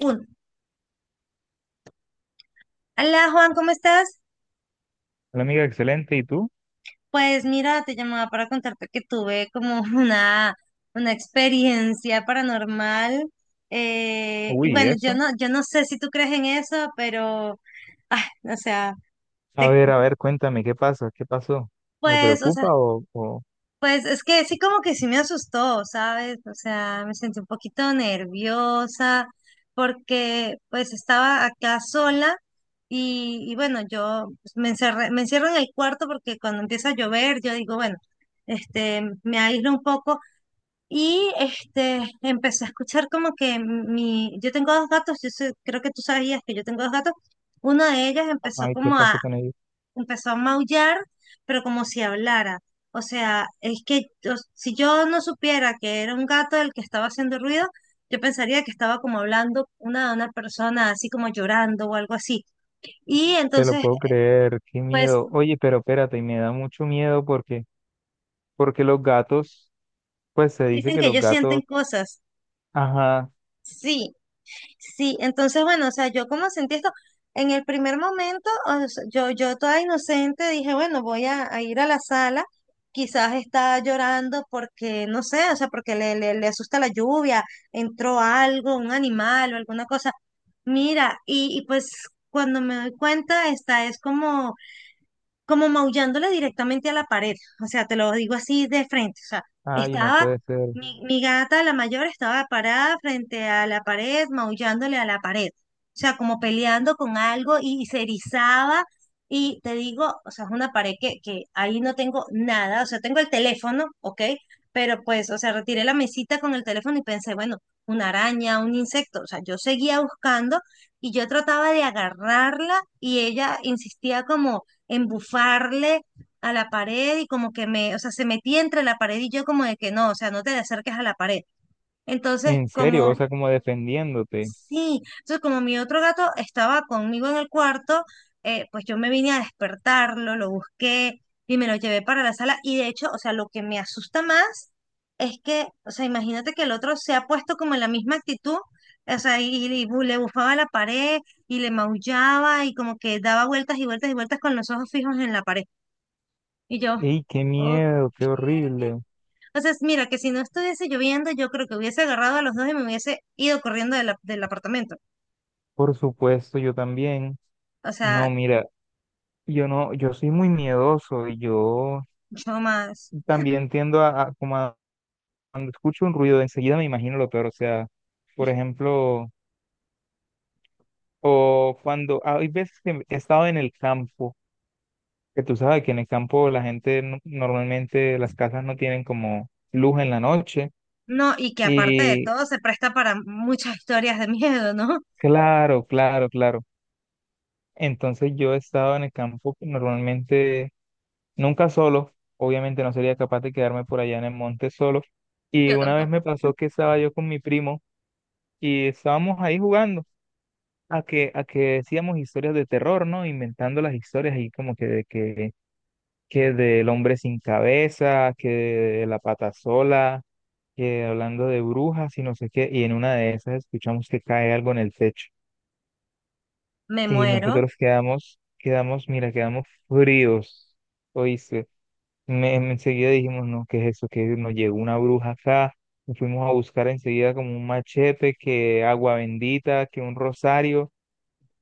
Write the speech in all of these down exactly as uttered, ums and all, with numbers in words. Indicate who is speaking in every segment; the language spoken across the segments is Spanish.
Speaker 1: Uno. Hola Juan, ¿cómo estás?
Speaker 2: Hola amiga, excelente. ¿Y tú?
Speaker 1: Pues mira, te llamaba para contarte que tuve como una, una experiencia paranormal. eh, y
Speaker 2: Uy, ¿y
Speaker 1: bueno, yo
Speaker 2: eso?
Speaker 1: no, yo no sé si tú crees en eso, pero, ay, o sea,
Speaker 2: A
Speaker 1: te-
Speaker 2: ver, a ver, cuéntame, ¿qué pasa? ¿Qué pasó? ¿Me
Speaker 1: pues, o sea,
Speaker 2: preocupa o, o...
Speaker 1: pues es que sí como que sí me asustó, ¿sabes? O sea, me sentí un poquito nerviosa porque pues estaba acá sola y, y bueno, yo pues, me encerré, me encierro en el cuarto porque cuando empieza a llover yo digo, bueno, este, me aíslo un poco y este, empecé a escuchar como que mi, yo tengo dos gatos, yo sé- creo que tú sabías que yo tengo dos gatos, una de ellas empezó
Speaker 2: Ay, ¿qué
Speaker 1: como a
Speaker 2: pasó con ellos?
Speaker 1: empezó a maullar, pero como si hablara. O sea, es que yo- si yo no supiera que era un gato el que estaba haciendo ruido, yo pensaría que estaba como hablando una, una persona así como llorando o algo así. Y
Speaker 2: Te lo
Speaker 1: entonces,
Speaker 2: puedo creer, qué
Speaker 1: pues
Speaker 2: miedo. Oye, pero espérate, y me da mucho miedo porque, porque los gatos, pues se dice
Speaker 1: dicen
Speaker 2: que
Speaker 1: que
Speaker 2: los
Speaker 1: ellos sienten
Speaker 2: gatos,
Speaker 1: cosas.
Speaker 2: ajá,
Speaker 1: Sí, sí, entonces, bueno, o sea, yo como sentí esto, en el primer momento, o sea, yo, yo toda inocente dije, bueno, voy a, a ir a la sala, quizás está llorando porque, no sé, o sea, porque le, le, le asusta la lluvia, entró algo, un animal o alguna cosa. Mira, y, y pues cuando me doy cuenta, esta es como como maullándole directamente a la pared, o sea, te lo digo así de frente, o sea,
Speaker 2: ay, no
Speaker 1: estaba,
Speaker 2: puede ser.
Speaker 1: mi, mi gata, la mayor, estaba parada frente a la pared, maullándole a la pared, o sea, como peleando con algo y, y se erizaba, y te digo, o sea, es una pared que, que ahí no tengo nada, o sea, tengo el teléfono, ¿ok? Pero pues, o sea, retiré la mesita con el teléfono y pensé, bueno, una araña, un insecto, o sea, yo seguía buscando y yo trataba de agarrarla y ella insistía como embufarle a la pared y como que me, o sea, se metía entre la pared y yo como de que no, o sea, no te le acerques a la pared. Entonces,
Speaker 2: En serio,
Speaker 1: como,
Speaker 2: o sea, como defendiéndote.
Speaker 1: sí, entonces como mi otro gato estaba conmigo en el cuarto, eh, pues yo me vine a despertarlo, lo busqué y me lo llevé para la sala y de hecho, o sea, lo que me asusta más es que, o sea, imagínate que el otro se ha puesto como en la misma actitud, o sea, y, y bu- le bufaba a la pared y le maullaba y como que daba vueltas y vueltas y vueltas con los ojos fijos en la pared. Y yo,
Speaker 2: Ey, qué
Speaker 1: ok.
Speaker 2: miedo, qué horrible.
Speaker 1: O sea, mira, que si no estuviese lloviendo, yo creo que hubiese agarrado a los dos y me hubiese ido corriendo del, ap- del apartamento.
Speaker 2: Por supuesto, yo también.
Speaker 1: O
Speaker 2: No,
Speaker 1: sea,
Speaker 2: mira, yo no, yo soy muy miedoso y yo
Speaker 1: yo más.
Speaker 2: también tiendo a, a como a cuando escucho un ruido, enseguida me imagino lo peor. O sea, por ejemplo, o cuando hay veces que he estado en el campo, que tú sabes que en el campo la gente no- normalmente las casas no tienen como luz en la noche.
Speaker 1: No, y que aparte de
Speaker 2: Y
Speaker 1: todo se presta para muchas historias de miedo, ¿no?
Speaker 2: claro, claro, claro. Entonces yo he estado en el campo normalmente nunca solo. Obviamente no sería capaz de quedarme por allá en el monte solo. Y
Speaker 1: Yo
Speaker 2: una vez
Speaker 1: tampoco.
Speaker 2: me pasó que estaba yo con mi primo y estábamos ahí jugando, a que, a que decíamos historias de terror, ¿no? Inventando las historias ahí como que de que, que del hombre sin cabeza, que de la pata sola, que hablando de brujas y no sé qué, y en una de esas escuchamos que cae algo en el techo.
Speaker 1: Me
Speaker 2: Y
Speaker 1: muero.
Speaker 2: nosotros quedamos, quedamos, mira, quedamos fríos. Oíste, me, me- enseguida dijimos, no, ¿qué es eso? Que nos llegó una bruja acá. Y fuimos a buscar enseguida como un machete, que agua bendita, que un rosario.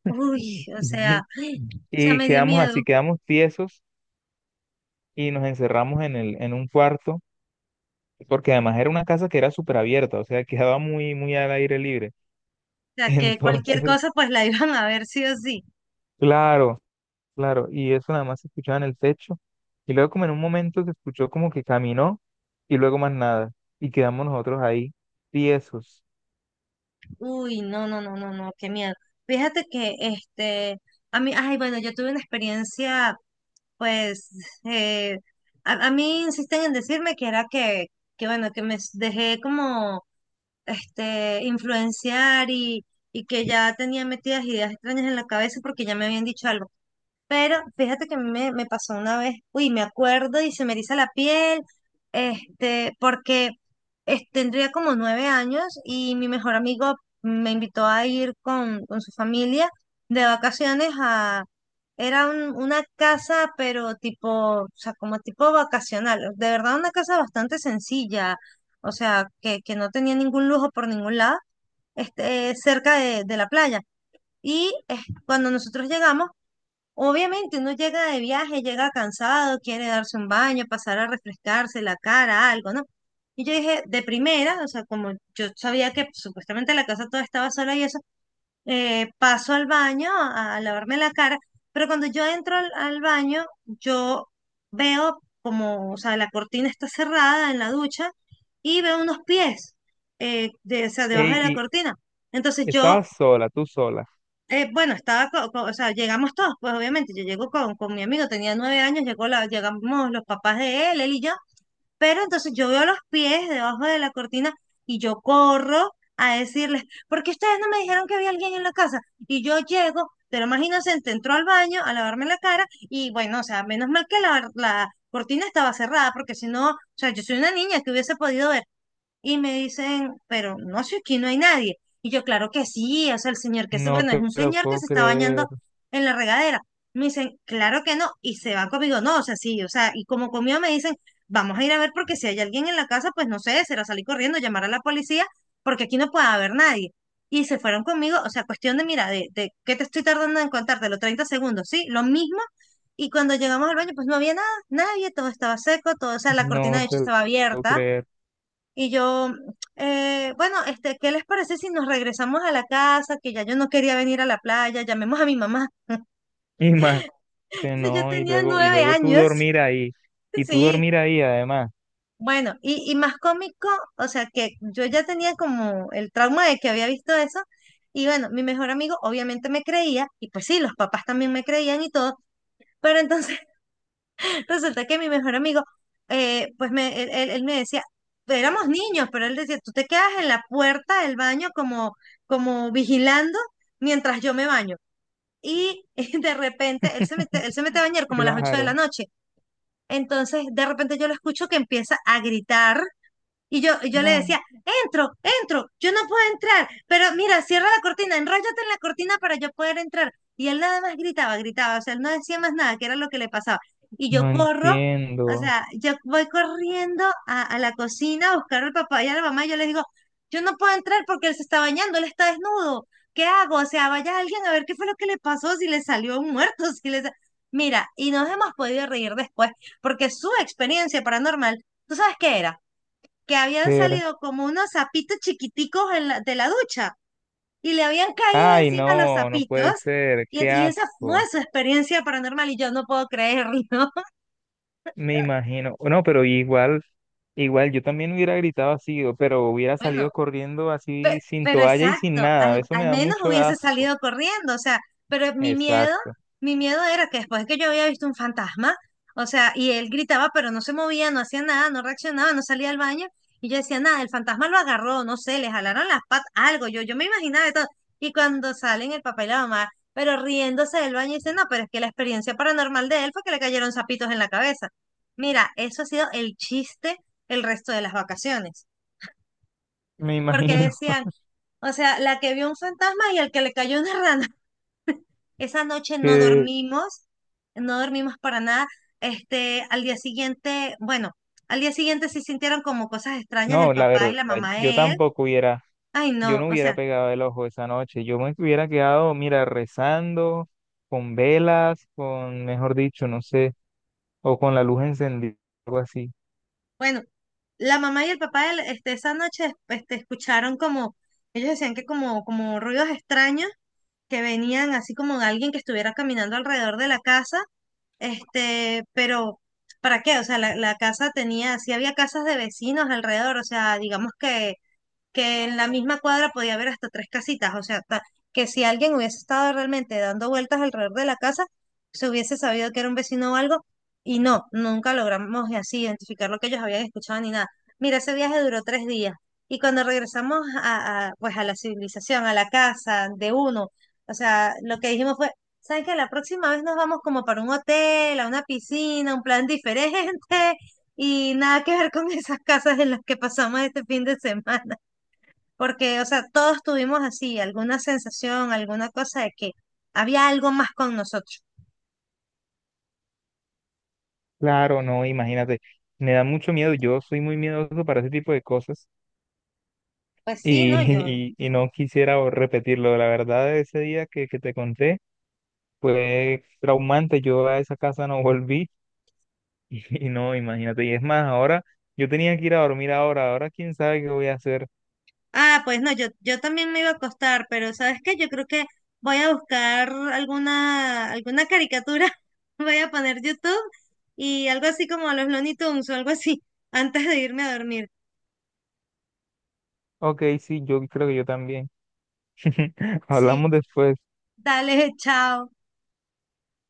Speaker 1: Uy,
Speaker 2: Mm.
Speaker 1: o sea, o sea,
Speaker 2: Y
Speaker 1: me dio
Speaker 2: quedamos
Speaker 1: miedo.
Speaker 2: así,
Speaker 1: O
Speaker 2: quedamos tiesos y nos encerramos en el, en un cuarto, porque además era una casa que era súper abierta, o sea, quedaba muy, muy al aire libre.
Speaker 1: sea, que cualquier
Speaker 2: Entonces,
Speaker 1: cosa pues la iban a ver sí o sí.
Speaker 2: claro, claro, y eso nada más se escuchaba en el techo. Y luego como en un momento se escuchó como que caminó y luego más nada. Y quedamos nosotros ahí, tiesos.
Speaker 1: Uy, no, no, no, no, no, qué miedo. Fíjate que este, a mí, ay, bueno, yo tuve una experiencia. Pues eh, a, a mí insisten en decirme que era que, que bueno, que me s- dejé como este influenciar y, y que ya tenía metidas ideas extrañas en la cabeza porque ya me habían dicho algo. Pero fíjate que a mí me, me, pasó una vez, uy, me acuerdo y se me eriza la piel, este, porque es- tendría como nueve años y mi mejor amigo me invitó a ir con, con su familia de vacaciones a, era un- una casa, pero tipo, o sea, como tipo vacacional, de verdad una casa bastante sencilla, o sea, que, que no tenía ningún lujo por ningún lado, este, cerca de, de la playa. Y eh, cuando nosotros llegamos, obviamente uno llega de viaje, llega cansado, quiere darse un baño, pasar a refrescarse la cara, algo, ¿no? Y yo dije, de primera, o sea, como yo sabía que supuestamente la casa toda estaba sola y eso, eh, paso al baño a, a lavarme la cara, pero cuando yo entro al, al baño, yo veo como, o sea, la cortina está cerrada en la ducha y veo unos pies, eh, de, o sea, debajo de
Speaker 2: Ey,
Speaker 1: la
Speaker 2: y
Speaker 1: cortina. Entonces yo
Speaker 2: estabas sola, tú sola.
Speaker 1: eh, bueno, estaba, co- co- o sea, llegamos todos, pues obviamente, yo llego con, con mi amigo, tenía nueve años, llegó la, llegamos los papás de él, él y yo, pero entonces yo veo los pies debajo de la cortina y yo corro a decirles, ¿por qué ustedes no me dijeron que había alguien en la casa? Y yo llego, pero más inocente, entró al baño a lavarme la cara y bueno, o sea, menos mal que la, la cortina estaba cerrada, porque si no, o sea, yo soy una niña que hubiese podido ver, y me dicen, pero no, si aquí no hay nadie. Y yo, claro que sí, o sea, el señor que se,
Speaker 2: No
Speaker 1: bueno, es
Speaker 2: te
Speaker 1: un
Speaker 2: lo
Speaker 1: señor que
Speaker 2: puedo
Speaker 1: se está
Speaker 2: creer,
Speaker 1: bañando en la regadera. Me dicen, claro que no, y se van conmigo, no, o sea, sí, o sea, y como conmigo me dicen, vamos a ir a ver porque si hay alguien en la casa, pues no sé, será salir corriendo, llamar a la policía, porque aquí no puede haber nadie. Y se fueron conmigo, o sea, cuestión de, mira, de, de ¿qué te estoy tardando en contarte? Los treinta segundos, ¿sí? Lo mismo. Y cuando llegamos al baño, pues no había nada, nadie, todo estaba seco, todo, o sea, la cortina
Speaker 2: no
Speaker 1: de hecho
Speaker 2: te lo
Speaker 1: estaba
Speaker 2: puedo
Speaker 1: abierta
Speaker 2: creer.
Speaker 1: y yo, eh, bueno, este, ¿qué les parece si nos regresamos a la casa? Que ya yo no quería venir a la playa, llamemos a mi mamá.
Speaker 2: Este,
Speaker 1: Si yo
Speaker 2: No, y
Speaker 1: tenía
Speaker 2: luego, y
Speaker 1: nueve
Speaker 2: luego tú
Speaker 1: años,
Speaker 2: dormir ahí, y tú
Speaker 1: sí.
Speaker 2: dormir ahí además,
Speaker 1: Bueno, y, y más cómico, o sea, que yo ya tenía como el trauma de que había visto eso. Y bueno, mi mejor amigo obviamente me creía, y pues sí, los papás también me creían y todo, pero entonces resulta que mi mejor amigo, eh, pues me, él, él- él me decía, éramos niños, pero él decía, tú te quedas en la puerta del baño como, como, vigilando mientras yo me baño. Y de repente él se mete, él se mete a bañar como a las ocho de la
Speaker 2: claro.
Speaker 1: noche. Entonces, de repente yo lo escucho que empieza a gritar y yo, y yo le
Speaker 2: Ah.
Speaker 1: decía, entro, entro, yo no puedo entrar, pero mira, cierra la cortina, enróllate en la cortina para yo poder entrar. Y él nada más gritaba, gritaba, o sea, él no decía más nada, que era lo que le pasaba. Y yo
Speaker 2: No
Speaker 1: corro, o
Speaker 2: entiendo.
Speaker 1: sea, yo voy corriendo a, a la cocina a buscar al papá y a la mamá y yo les digo, yo no puedo entrar porque él se está bañando, él está desnudo, ¿qué hago? O sea, vaya alguien a ver qué fue lo que le pasó, si le salió un muerto, si le... sa- Mira, y nos hemos podido reír después, porque su experiencia paranormal, ¿tú sabes qué era? Que habían
Speaker 2: ¿Qué era?
Speaker 1: salido como unos sapitos chiquiticos en la- de la ducha y le habían caído
Speaker 2: Ay,
Speaker 1: encima los
Speaker 2: no, no
Speaker 1: sapitos.
Speaker 2: puede ser,
Speaker 1: Y,
Speaker 2: qué
Speaker 1: y esa fue
Speaker 2: asco.
Speaker 1: su experiencia paranormal y yo no puedo creerlo.
Speaker 2: Me imagino. No, pero igual, igual yo también hubiera gritado así, o- pero hubiera
Speaker 1: Bueno,
Speaker 2: salido corriendo así
Speaker 1: Pe-
Speaker 2: sin
Speaker 1: Pero,
Speaker 2: toalla y sin
Speaker 1: exacto,
Speaker 2: nada.
Speaker 1: al,
Speaker 2: Eso me
Speaker 1: al
Speaker 2: da
Speaker 1: menos
Speaker 2: mucho
Speaker 1: hubiese
Speaker 2: asco.
Speaker 1: salido corriendo, o sea, pero mi miedo,
Speaker 2: Exacto.
Speaker 1: mi miedo era que después que yo había visto un fantasma, o sea, y él gritaba, pero no se movía, no hacía nada, no reaccionaba, no salía al baño, y yo decía, nada, el fantasma lo agarró, no sé, le jalaron las patas, algo, yo, yo me imaginaba de todo, y cuando salen el papá y la mamá, pero riéndose del baño, dicen, no, pero es que la experiencia paranormal de él fue que le cayeron zapitos en la cabeza. Mira, eso ha sido el chiste el resto de las vacaciones
Speaker 2: Me
Speaker 1: porque
Speaker 2: imagino
Speaker 1: decían, o sea, la que vio un fantasma y el que le cayó una rana. Esa noche no
Speaker 2: que,
Speaker 1: dormimos, no dormimos para nada. Este, al día siguiente, bueno, al día siguiente sí sintieron como cosas extrañas el
Speaker 2: no, la
Speaker 1: papá y
Speaker 2: verdad,
Speaker 1: la mamá
Speaker 2: yo
Speaker 1: de él.
Speaker 2: tampoco hubiera.
Speaker 1: Ay,
Speaker 2: Yo
Speaker 1: no,
Speaker 2: no
Speaker 1: o
Speaker 2: hubiera
Speaker 1: sea,
Speaker 2: pegado el ojo esa noche. Yo me hubiera quedado, mira, rezando, con velas, con, mejor dicho, no sé, o con la luz encendida, algo así.
Speaker 1: bueno, la mamá y el papá de él, este, esa noche, este, escucharon como, ellos decían que como, como, ruidos extraños que venían así como de alguien que estuviera caminando alrededor de la casa. Este, pero ¿para qué? O sea, la, la casa tenía, sí había casas de vecinos alrededor, o sea, digamos que que en la misma cuadra podía haber hasta tres casitas, o sea, ta- que si alguien hubiese estado realmente dando vueltas alrededor de la casa, se hubiese sabido que era un vecino o algo, y no, nunca logramos así identificar lo que ellos habían escuchado ni nada. Mira, ese viaje duró tres días, y cuando regresamos a, a, pues a la civilización, a la casa de uno, o sea, lo que dijimos fue, ¿saben qué? La próxima vez nos vamos como para un hotel, a una piscina, un plan diferente, y nada que ver con esas casas en las que pasamos este fin de semana. Porque, o sea, todos tuvimos así alguna sensación, alguna cosa de que había algo más con nosotros.
Speaker 2: Claro, no, imagínate. Me da mucho miedo. Yo soy muy miedoso para ese tipo de cosas
Speaker 1: Pues
Speaker 2: y,
Speaker 1: sí, no, yo.
Speaker 2: y, y no quisiera o- repetirlo. La verdad, ese día que, que te conté fue traumante. Yo a esa casa no volví y, no, imagínate. Y es más, ahora yo tenía que ir a dormir ahora. Ahora quién sabe qué voy a hacer.
Speaker 1: Ah, pues no, yo, yo también me iba a acostar, pero ¿sabes qué? Yo creo que voy a buscar alguna, alguna caricatura, voy a poner YouTube y algo así como los Looney Tunes o algo así, antes de irme a dormir.
Speaker 2: Ok, sí, yo creo que yo también. Hablamos
Speaker 1: Sí,
Speaker 2: después.
Speaker 1: dale, chao.